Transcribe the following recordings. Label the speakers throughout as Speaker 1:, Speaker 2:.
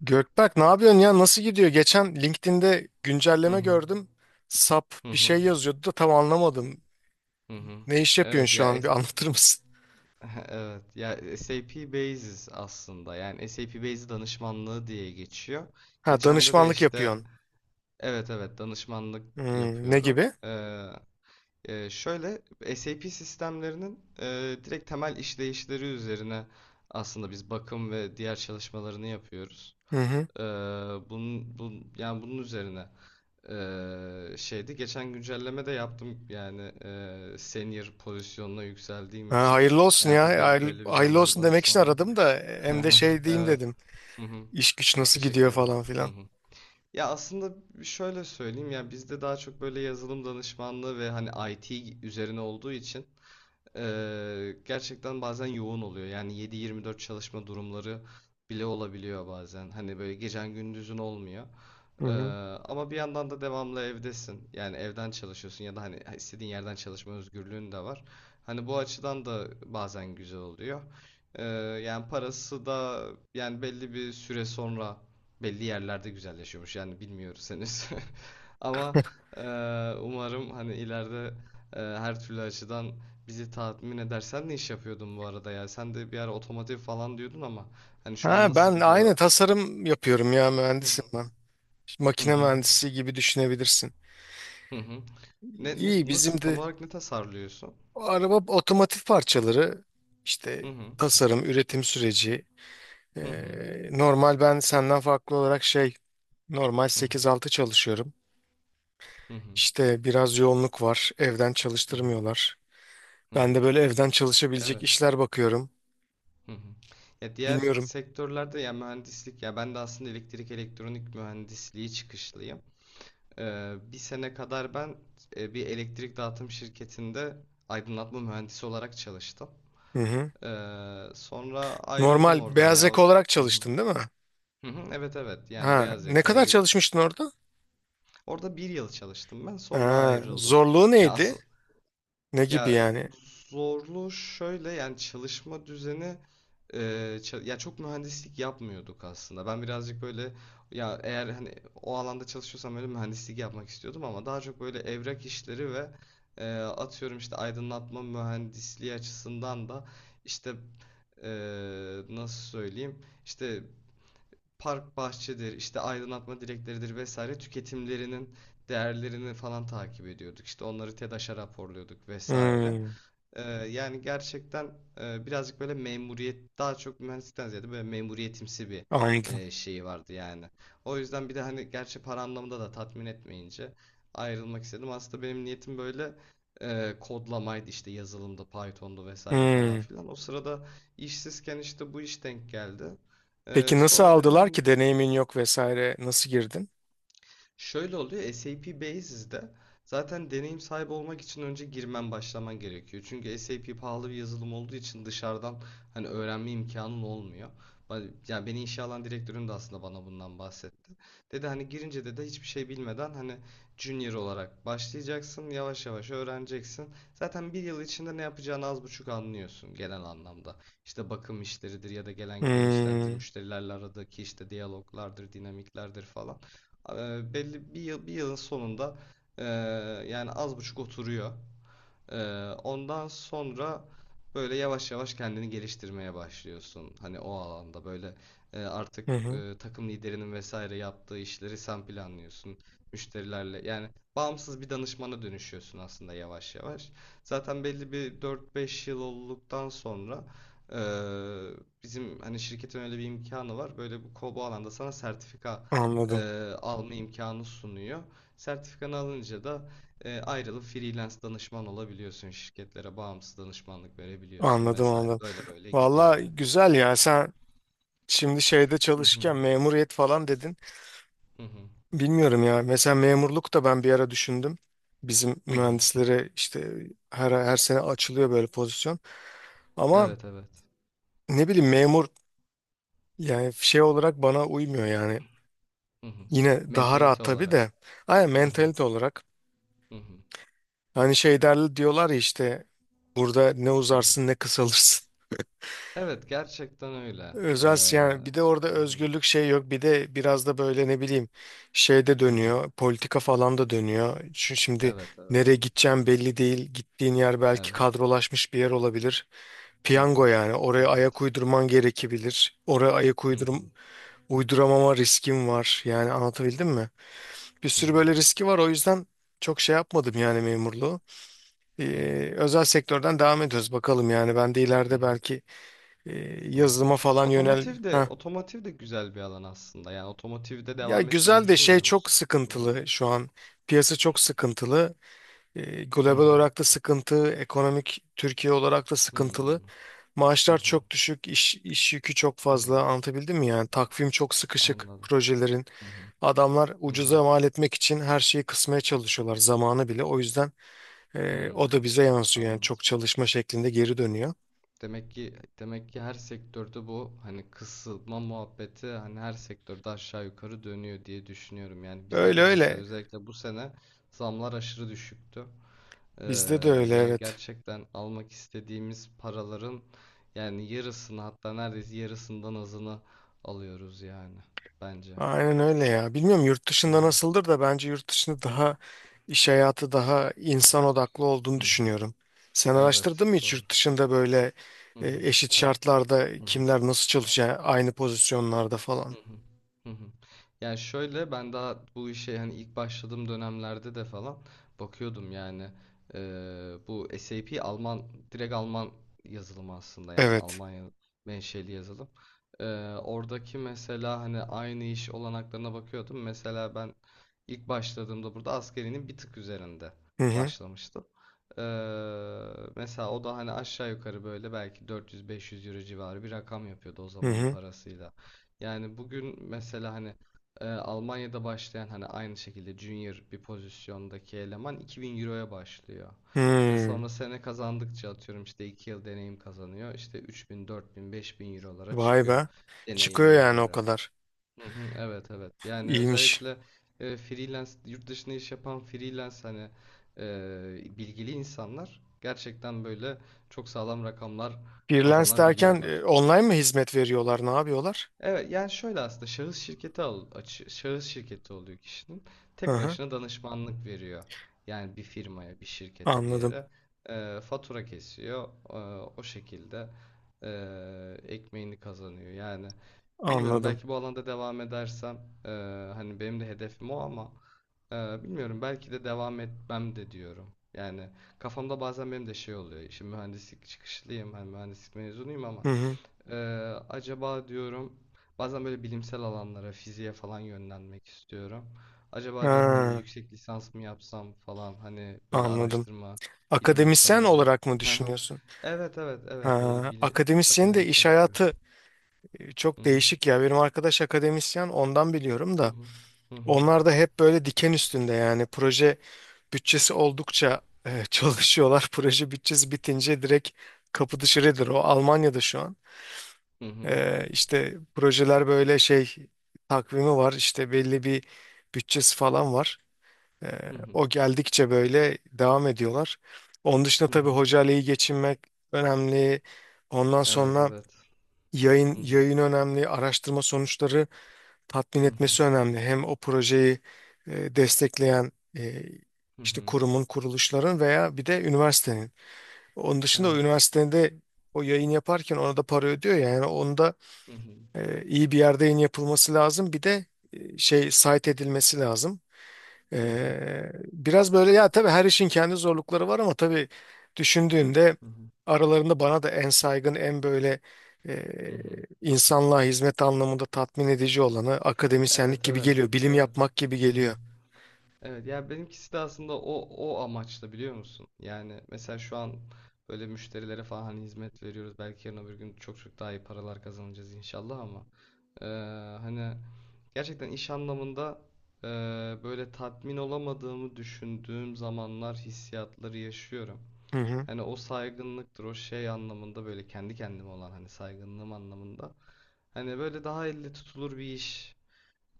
Speaker 1: Gökberk ne yapıyorsun ya, nasıl gidiyor? Geçen LinkedIn'de
Speaker 2: Hı
Speaker 1: güncelleme
Speaker 2: hı.
Speaker 1: gördüm. SAP
Speaker 2: Hı
Speaker 1: bir
Speaker 2: hı.
Speaker 1: şey yazıyordu da tam anlamadım.
Speaker 2: Hı hı.
Speaker 1: Ne iş yapıyorsun
Speaker 2: Evet
Speaker 1: şu
Speaker 2: ya
Speaker 1: an? Bir anlatır mısın?
Speaker 2: evet ya SAP Basis aslında, yani SAP Basis danışmanlığı diye geçiyor.
Speaker 1: Ha,
Speaker 2: Geçende de
Speaker 1: danışmanlık
Speaker 2: işte
Speaker 1: yapıyorsun.
Speaker 2: evet evet danışmanlık
Speaker 1: Hmm, ne
Speaker 2: yapıyorum.
Speaker 1: gibi?
Speaker 2: Şöyle, SAP sistemlerinin direkt temel işleyişleri üzerine aslında biz bakım ve diğer çalışmalarını yapıyoruz.
Speaker 1: Hı hı.
Speaker 2: Ee, yani bunun üzerine şeydi, geçen güncelleme de yaptım, yani senior pozisyonuna yükseldiğim
Speaker 1: Ha,
Speaker 2: için.
Speaker 1: hayırlı olsun
Speaker 2: Yani artık
Speaker 1: ya. Hayırlı,
Speaker 2: belli bir
Speaker 1: hayırlı olsun
Speaker 2: zamandan
Speaker 1: demek için
Speaker 2: sonra
Speaker 1: aradım da hem de şey diyeyim
Speaker 2: evet.
Speaker 1: dedim.
Speaker 2: Hı hı.
Speaker 1: İş güç
Speaker 2: Çok
Speaker 1: nasıl
Speaker 2: teşekkür
Speaker 1: gidiyor
Speaker 2: ederim.
Speaker 1: falan
Speaker 2: Hı
Speaker 1: filan.
Speaker 2: hı. Ya aslında şöyle söyleyeyim, ya bizde daha çok böyle yazılım danışmanlığı ve hani IT üzerine olduğu için gerçekten bazen yoğun oluyor, yani 7-24 çalışma durumları bile olabiliyor, bazen hani böyle gecen gündüzün olmuyor.
Speaker 1: Hı
Speaker 2: ee,
Speaker 1: hı.
Speaker 2: Ama bir yandan da devamlı evdesin. Yani evden çalışıyorsun ya da hani istediğin yerden çalışma özgürlüğün de var. Hani bu açıdan da bazen güzel oluyor. Ee, yani parası da, yani belli bir süre sonra belli yerlerde güzelleşiyormuş. Yani bilmiyoruz henüz. Ama e, umarım hani ileride her türlü açıdan bizi tatmin eder. Sen ne iş yapıyordun bu arada ya? Sen de bir ara otomotiv falan diyordun ama hani şu an
Speaker 1: Ha
Speaker 2: nasıl
Speaker 1: ben
Speaker 2: gidiyor?
Speaker 1: aynı tasarım yapıyorum ya,
Speaker 2: Hı
Speaker 1: mühendisim
Speaker 2: hı.
Speaker 1: ben.
Speaker 2: Hı
Speaker 1: Makine
Speaker 2: hı.
Speaker 1: mühendisi gibi düşünebilirsin.
Speaker 2: Hı hı. Ne
Speaker 1: İyi, bizim
Speaker 2: nasıl, tam
Speaker 1: de
Speaker 2: olarak ne tasarlıyorsun?
Speaker 1: o araba otomotiv parçaları
Speaker 2: Hı
Speaker 1: işte
Speaker 2: hı.
Speaker 1: tasarım, üretim süreci.
Speaker 2: Hı hı.
Speaker 1: Normal ben senden farklı olarak şey, normal
Speaker 2: Hı hı.
Speaker 1: sekiz altı çalışıyorum.
Speaker 2: Hı hı.
Speaker 1: İşte biraz yoğunluk var. Evden
Speaker 2: Hı hı.
Speaker 1: çalıştırmıyorlar.
Speaker 2: Hı
Speaker 1: Ben
Speaker 2: hı.
Speaker 1: de böyle evden çalışabilecek
Speaker 2: Evet.
Speaker 1: işler bakıyorum.
Speaker 2: Hı hı. Ya diğer
Speaker 1: Bilmiyorum.
Speaker 2: sektörlerde ya mühendislik, ya ben de aslında elektrik elektronik mühendisliği çıkışlıyım. Bir sene kadar ben bir elektrik dağıtım şirketinde aydınlatma mühendisi olarak çalıştım.
Speaker 1: Hı hı.
Speaker 2: Sonra ayrıldım
Speaker 1: Normal
Speaker 2: oradan,
Speaker 1: beyaz
Speaker 2: ya. Hı
Speaker 1: yaka olarak
Speaker 2: hı.
Speaker 1: çalıştın değil mi?
Speaker 2: Hı hı, evet evet, yani
Speaker 1: Ha,
Speaker 2: beyaz
Speaker 1: ne
Speaker 2: yaka
Speaker 1: kadar çalışmıştın orada?
Speaker 2: orada bir yıl çalıştım ben, sonra
Speaker 1: Ha,
Speaker 2: ayrıldım.
Speaker 1: zorluğu
Speaker 2: Ya
Speaker 1: neydi?
Speaker 2: asıl,
Speaker 1: Ne gibi
Speaker 2: ya
Speaker 1: yani?
Speaker 2: zorlu şöyle, yani çalışma düzeni e, ya çok mühendislik yapmıyorduk aslında. Ben birazcık böyle, ya eğer hani o alanda çalışıyorsam öyle mühendislik yapmak istiyordum, ama daha çok böyle evrak işleri ve atıyorum işte aydınlatma mühendisliği açısından da işte e, nasıl söyleyeyim, işte park bahçedir, işte aydınlatma direkleridir vesaire, tüketimlerinin değerlerini falan takip ediyorduk. İşte onları TEDAŞ'a raporluyorduk vesaire.
Speaker 1: Hmm,
Speaker 2: Yani gerçekten birazcık böyle memuriyet, daha çok mühendislikten ziyade böyle memuriyetimsi bir
Speaker 1: anladım.
Speaker 2: şeyi vardı yani. O yüzden bir de hani gerçi para anlamında da tatmin etmeyince ayrılmak istedim. Aslında benim niyetim böyle kodlamaydı, işte yazılımda Python'du vesaire falan
Speaker 1: Hmm.
Speaker 2: filan. O sırada işsizken işte bu iş denk geldi.
Speaker 1: Peki nasıl
Speaker 2: Sonra dedim
Speaker 1: aldılar
Speaker 2: hani.
Speaker 1: ki, deneyimin yok vesaire, nasıl girdin?
Speaker 2: Şöyle oluyor, SAP Basis'de zaten deneyim sahibi olmak için önce girmen, başlaman gerekiyor. Çünkü SAP pahalı bir yazılım olduğu için dışarıdan hani öğrenme imkanın olmuyor. Yani beni işe alan direktörüm de aslında bana bundan bahsetti. Dedi hani, girince de hiçbir şey bilmeden hani junior olarak başlayacaksın, yavaş yavaş öğreneceksin. Zaten bir yıl içinde ne yapacağını az buçuk anlıyorsun genel anlamda. İşte bakım işleridir ya da gelen giden işlerdir,
Speaker 1: Hmm.
Speaker 2: müşterilerle aradaki işte diyaloglardır, dinamiklerdir falan. Belli bir yılın sonunda eee, yani az buçuk oturuyor. Ee, ondan sonra böyle yavaş yavaş kendini geliştirmeye başlıyorsun. Hani o alanda böyle artık
Speaker 1: Hı hı.
Speaker 2: takım liderinin vesaire yaptığı işleri sen planlıyorsun. Müşterilerle, yani bağımsız bir danışmana dönüşüyorsun aslında yavaş yavaş. Zaten belli bir 4-5 yıl olduktan sonra e, bizim hani şirketin öyle bir imkanı var. Böyle bu alanda sana sertifika e,
Speaker 1: Anladım.
Speaker 2: alma imkanı sunuyor. Sertifikanı alınca da ayrılıp freelance danışman olabiliyorsun. Şirketlere bağımsız danışmanlık verebiliyorsun
Speaker 1: Anladım anladım.
Speaker 2: vesaire. Böyle böyle gidiyor
Speaker 1: Valla
Speaker 2: yani.
Speaker 1: güzel ya, sen şimdi şeyde
Speaker 2: Hı hı.
Speaker 1: çalışırken memuriyet falan dedin.
Speaker 2: Hı hı.
Speaker 1: Bilmiyorum ya, mesela memurluk da ben bir ara düşündüm. Bizim
Speaker 2: Hı hı.
Speaker 1: mühendislere işte her, her sene açılıyor böyle pozisyon. Ama
Speaker 2: Evet evet.
Speaker 1: ne bileyim, memur yani şey olarak bana uymuyor yani.
Speaker 2: Hı hı.
Speaker 1: Yine daha rahat
Speaker 2: Mentalite
Speaker 1: tabii
Speaker 2: olarak.
Speaker 1: de. Aynen,
Speaker 2: Hı hı.
Speaker 1: mentalite olarak.
Speaker 2: Hı hı.
Speaker 1: Hani şey derler diyorlar ya, işte burada ne
Speaker 2: Hı hı.
Speaker 1: uzarsın ne kısalırsın.
Speaker 2: Evet, gerçekten öyle.
Speaker 1: Özel si-, yani bir
Speaker 2: Ee,
Speaker 1: de orada
Speaker 2: hı hı.
Speaker 1: özgürlük şey yok, bir de biraz da böyle ne bileyim şey de
Speaker 2: Hı hı.
Speaker 1: dönüyor, politika falan da dönüyor. Çünkü şimdi
Speaker 2: Evet
Speaker 1: nereye
Speaker 2: evet. Hı.
Speaker 1: gideceğim belli değil, gittiğin yer belki
Speaker 2: Evet.
Speaker 1: kadrolaşmış bir yer olabilir.
Speaker 2: Hı hı.
Speaker 1: Piyango yani, oraya
Speaker 2: Evet.
Speaker 1: ayak uydurman gerekebilir. Oraya ayak
Speaker 2: Hı hı.
Speaker 1: uydurum, uyduramama riskim var yani,
Speaker 2: Hı
Speaker 1: anlatabildim
Speaker 2: hı.
Speaker 1: mi? Bir
Speaker 2: Hı
Speaker 1: sürü
Speaker 2: hı.
Speaker 1: böyle riski var, o yüzden çok şey yapmadım yani memurluğu.
Speaker 2: Hı hı.
Speaker 1: Özel sektörden devam ediyoruz bakalım, yani ben de
Speaker 2: Hı
Speaker 1: ileride
Speaker 2: hı.
Speaker 1: belki e,
Speaker 2: Hı hı.
Speaker 1: yazılıma falan yönel
Speaker 2: Otomotiv de,
Speaker 1: ha.
Speaker 2: otomotiv de güzel bir alan aslında. Yani otomotivde
Speaker 1: Ya
Speaker 2: devam etmeyi
Speaker 1: güzel de şey,
Speaker 2: düşünmüyor
Speaker 1: çok
Speaker 2: musun? Hı hı.
Speaker 1: sıkıntılı şu an, piyasa çok sıkıntılı.
Speaker 2: Hı
Speaker 1: Global
Speaker 2: hı.
Speaker 1: olarak da sıkıntı ekonomik, Türkiye olarak da
Speaker 2: Hı
Speaker 1: sıkıntılı,
Speaker 2: hı.
Speaker 1: maaşlar
Speaker 2: Hı.
Speaker 1: çok düşük, iş yükü çok
Speaker 2: Hmm.
Speaker 1: fazla, anlatabildim mi yani, takvim çok sıkışık
Speaker 2: Anladım.
Speaker 1: projelerin,
Speaker 2: Hı hı.
Speaker 1: adamlar
Speaker 2: Hı hı.
Speaker 1: ucuza mal etmek için her şeyi kısmaya çalışıyorlar, zamanı bile, o yüzden o
Speaker 2: Hı.
Speaker 1: da bize yansıyor yani,
Speaker 2: Anladım.
Speaker 1: çok çalışma şeklinde geri dönüyor.
Speaker 2: Demek ki, demek ki her sektörde bu hani kısılma muhabbeti, hani her sektörde aşağı yukarı dönüyor diye düşünüyorum. Yani bizde
Speaker 1: Öyle
Speaker 2: de mesela
Speaker 1: öyle.
Speaker 2: özellikle bu sene zamlar aşırı düşüktü. Ee,
Speaker 1: Bizde de öyle,
Speaker 2: yani
Speaker 1: evet.
Speaker 2: gerçekten almak istediğimiz paraların, yani yarısını, hatta neredeyse yarısından azını alıyoruz yani bence.
Speaker 1: Aynen öyle ya. Bilmiyorum yurt
Speaker 2: Hı
Speaker 1: dışında
Speaker 2: hı.
Speaker 1: nasıldır da, bence yurt dışında daha iş hayatı daha insan odaklı olduğunu
Speaker 2: Hı hı.
Speaker 1: düşünüyorum. Sen
Speaker 2: Evet,
Speaker 1: araştırdın mı hiç
Speaker 2: doğru.
Speaker 1: yurt dışında böyle
Speaker 2: Hı hı.
Speaker 1: eşit şartlarda kimler nasıl çalışıyor aynı pozisyonlarda
Speaker 2: Hı
Speaker 1: falan?
Speaker 2: hı. Hı hı. Yani şöyle, ben daha bu işe hani ilk başladığım dönemlerde de falan bakıyordum yani. Bu SAP Alman, direkt Alman yazılımı aslında, yani
Speaker 1: Evet.
Speaker 2: Almanya menşeli yazılım. Eee, oradaki mesela hani aynı iş olanaklarına bakıyordum. Mesela ben ilk başladığımda burada askerinin bir tık üzerinde
Speaker 1: Hı hı.
Speaker 2: başlamıştım. Eee, mesela o da hani aşağı yukarı böyle belki 400-500 euro civarı bir rakam yapıyordu o
Speaker 1: Hı
Speaker 2: zamanın
Speaker 1: hı.
Speaker 2: parasıyla. Yani bugün mesela hani Almanya'da başlayan, hani aynı şekilde junior bir pozisyondaki eleman 2000 euroya başlıyor. İşte
Speaker 1: Hmm.
Speaker 2: sonra sene kazandıkça atıyorum işte 2 yıl deneyim kazanıyor. İşte 3000, 4000, 5000 eurolara
Speaker 1: Vay
Speaker 2: çıkıyor
Speaker 1: be. Çıkıyor
Speaker 2: deneyimine
Speaker 1: yani o
Speaker 2: göre.
Speaker 1: kadar.
Speaker 2: Hı hı, evet evet. Yani
Speaker 1: İyiymiş.
Speaker 2: özellikle freelance, yurt dışında iş yapan freelance hani bilgili insanlar gerçekten böyle çok sağlam rakamlar
Speaker 1: Freelance derken
Speaker 2: kazanabiliyorlar.
Speaker 1: online mı hizmet veriyorlar? Ne yapıyorlar?
Speaker 2: Evet, yani şöyle aslında şahıs şirketi şahıs şirketi oluyor kişinin.
Speaker 1: Hı
Speaker 2: Tek
Speaker 1: hı.
Speaker 2: başına danışmanlık veriyor. Yani bir firmaya, bir şirkete, bir
Speaker 1: Anladım.
Speaker 2: yere fatura kesiyor. O şekilde ekmeğini kazanıyor. Yani bilmiyorum
Speaker 1: Anladım.
Speaker 2: belki bu alanda devam edersem ee, hani benim de hedefim o, ama bilmiyorum belki de devam etmem de diyorum. Yani kafamda bazen benim de şey oluyor. Şimdi mühendislik çıkışlıyım, hani mühendislik mezunuyum, ama
Speaker 1: Hı hı.
Speaker 2: ee, acaba diyorum bazen böyle bilimsel alanlara, fiziğe falan yönlenmek istiyorum. Acaba diyorum hani bir
Speaker 1: Ha,
Speaker 2: yüksek lisans mı yapsam falan, hani böyle
Speaker 1: anladım.
Speaker 2: araştırma, bilim insanı
Speaker 1: Akademisyen
Speaker 2: olma.
Speaker 1: olarak mı
Speaker 2: Aha.
Speaker 1: düşünüyorsun?
Speaker 2: Evet evet evet, böyle
Speaker 1: Ha,
Speaker 2: bilim,
Speaker 1: akademisyen de iş
Speaker 2: akademisyenlik gibi.
Speaker 1: hayatı
Speaker 2: Hı
Speaker 1: çok
Speaker 2: hı,
Speaker 1: değişik ya. Benim arkadaş akademisyen, ondan biliyorum
Speaker 2: hı
Speaker 1: da.
Speaker 2: hı, hı hı,
Speaker 1: Onlar da hep böyle diken üstünde, yani proje bütçesi oldukça çalışıyorlar. Proje bütçesi bitince direkt kapı dışarıdır. O Almanya'da şu an.
Speaker 2: hı hı,
Speaker 1: E, işte projeler böyle şey, takvimi var, işte belli bir bütçesi falan var.
Speaker 2: hı hı,
Speaker 1: O geldikçe böyle devam ediyorlar. Onun dışında
Speaker 2: hı
Speaker 1: tabii
Speaker 2: hı.
Speaker 1: hocayla iyi geçinmek önemli. Ondan
Speaker 2: Evet
Speaker 1: sonra
Speaker 2: evet.
Speaker 1: yayın
Speaker 2: Hı hı,
Speaker 1: yayın önemli, araştırma sonuçları tatmin
Speaker 2: hı hı,
Speaker 1: etmesi önemli. Hem o projeyi destekleyen e,
Speaker 2: hı
Speaker 1: işte
Speaker 2: hı.
Speaker 1: kurumun, kuruluşların veya bir de üniversitenin. Onun dışında o
Speaker 2: Evet.
Speaker 1: üniversitenin de o yayın yaparken ona da para ödüyor ya. Yani onda
Speaker 2: Hı,
Speaker 1: iyi bir yerde yayın yapılması lazım. Bir de şey, site edilmesi lazım.
Speaker 2: hı hı,
Speaker 1: Biraz böyle ya, tabii her işin kendi zorlukları var, ama tabii düşündüğünde
Speaker 2: hı hı,
Speaker 1: aralarında bana da en saygın, en böyle e,
Speaker 2: hı hı.
Speaker 1: insanlığa hizmet anlamında tatmin edici olanı akademisyenlik
Speaker 2: Evet
Speaker 1: gibi
Speaker 2: evet
Speaker 1: geliyor. Bilim
Speaker 2: evet.
Speaker 1: yapmak gibi
Speaker 2: Hı hı.
Speaker 1: geliyor.
Speaker 2: Evet ya benimkisi de aslında o amaçla, biliyor musun? Yani mesela şu an böyle müşterilere falan hani hizmet veriyoruz. Belki yarın öbür gün çok çok daha iyi paralar kazanacağız inşallah, ama eee, hani gerçekten iş anlamında eee, böyle tatmin olamadığımı düşündüğüm zamanlar, hissiyatları yaşıyorum.
Speaker 1: Hı hı.
Speaker 2: Hani o saygınlıktır, o şey anlamında, böyle kendi kendime olan hani saygınlığım anlamında. Hani böyle daha elle tutulur bir iş.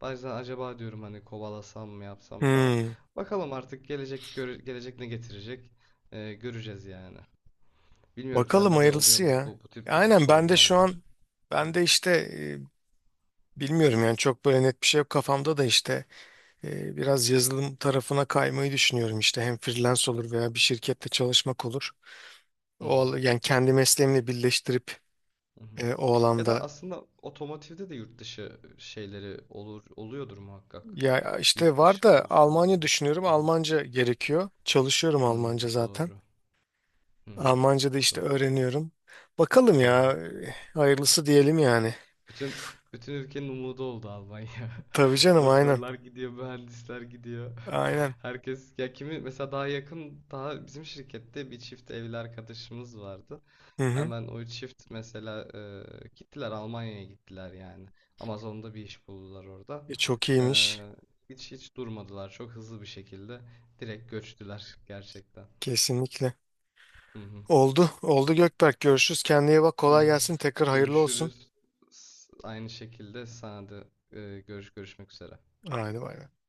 Speaker 2: Bazen acaba diyorum hani kovalasam mı, yapsam mı falan.
Speaker 1: Hmm.
Speaker 2: Bakalım artık gelecek gelecek ne getirecek. Göreceğiz yani. Bilmiyorum
Speaker 1: Bakalım
Speaker 2: sende de oluyor
Speaker 1: hayırlısı
Speaker 2: mu
Speaker 1: ya.
Speaker 2: bu tip bu tip
Speaker 1: Aynen, ben de şu
Speaker 2: sorgulamalar?
Speaker 1: an
Speaker 2: Hı
Speaker 1: ben
Speaker 2: hı,
Speaker 1: de işte bilmiyorum yani, çok böyle net bir şey yok kafamda da, işte biraz yazılım tarafına kaymayı düşünüyorum, işte hem freelance olur veya bir şirkette çalışmak olur.
Speaker 2: hı
Speaker 1: O,
Speaker 2: hı,
Speaker 1: al- yani kendi mesleğimle birleştirip
Speaker 2: hı hı.
Speaker 1: o
Speaker 2: Ya da
Speaker 1: alanda
Speaker 2: aslında otomotivde de yurt dışı şeyleri olur, oluyordur muhakkak.
Speaker 1: ya işte
Speaker 2: Yurt
Speaker 1: var
Speaker 2: dışı
Speaker 1: da,
Speaker 2: pozisyonları.
Speaker 1: Almanya düşünüyorum.
Speaker 2: Hı hı.
Speaker 1: Almanca gerekiyor. Çalışıyorum
Speaker 2: Hı,
Speaker 1: Almanca zaten.
Speaker 2: doğru. Hı hı,
Speaker 1: Almanca da işte
Speaker 2: doğru.
Speaker 1: öğreniyorum. Bakalım
Speaker 2: Hı
Speaker 1: ya,
Speaker 2: hı.
Speaker 1: hayırlısı diyelim yani.
Speaker 2: Bütün bütün ülkenin umudu oldu Almanya.
Speaker 1: Tabii canım, aynen.
Speaker 2: Doktorlar gidiyor, mühendisler gidiyor.
Speaker 1: Aynen.
Speaker 2: Herkes ya, kimi mesela daha yakın, daha bizim şirkette bir çift evli arkadaşımız vardı.
Speaker 1: Hı hı.
Speaker 2: Hemen o çift mesela gittiler, Almanya'ya gittiler yani. Amazon'da bir iş buldular orada.
Speaker 1: E, çok
Speaker 2: E,
Speaker 1: iyiymiş.
Speaker 2: hiç hiç durmadılar. Çok hızlı bir şekilde direkt göçtüler gerçekten.
Speaker 1: Kesinlikle.
Speaker 2: Hı hı.
Speaker 1: Oldu. Oldu Gökberk. Görüşürüz. Kendine iyi bak.
Speaker 2: Hı
Speaker 1: Kolay
Speaker 2: hı.
Speaker 1: gelsin. Tekrar hayırlı olsun.
Speaker 2: Görüşürüz. Aynı şekilde sana da görüşmek üzere.
Speaker 1: Haydi bay, bay.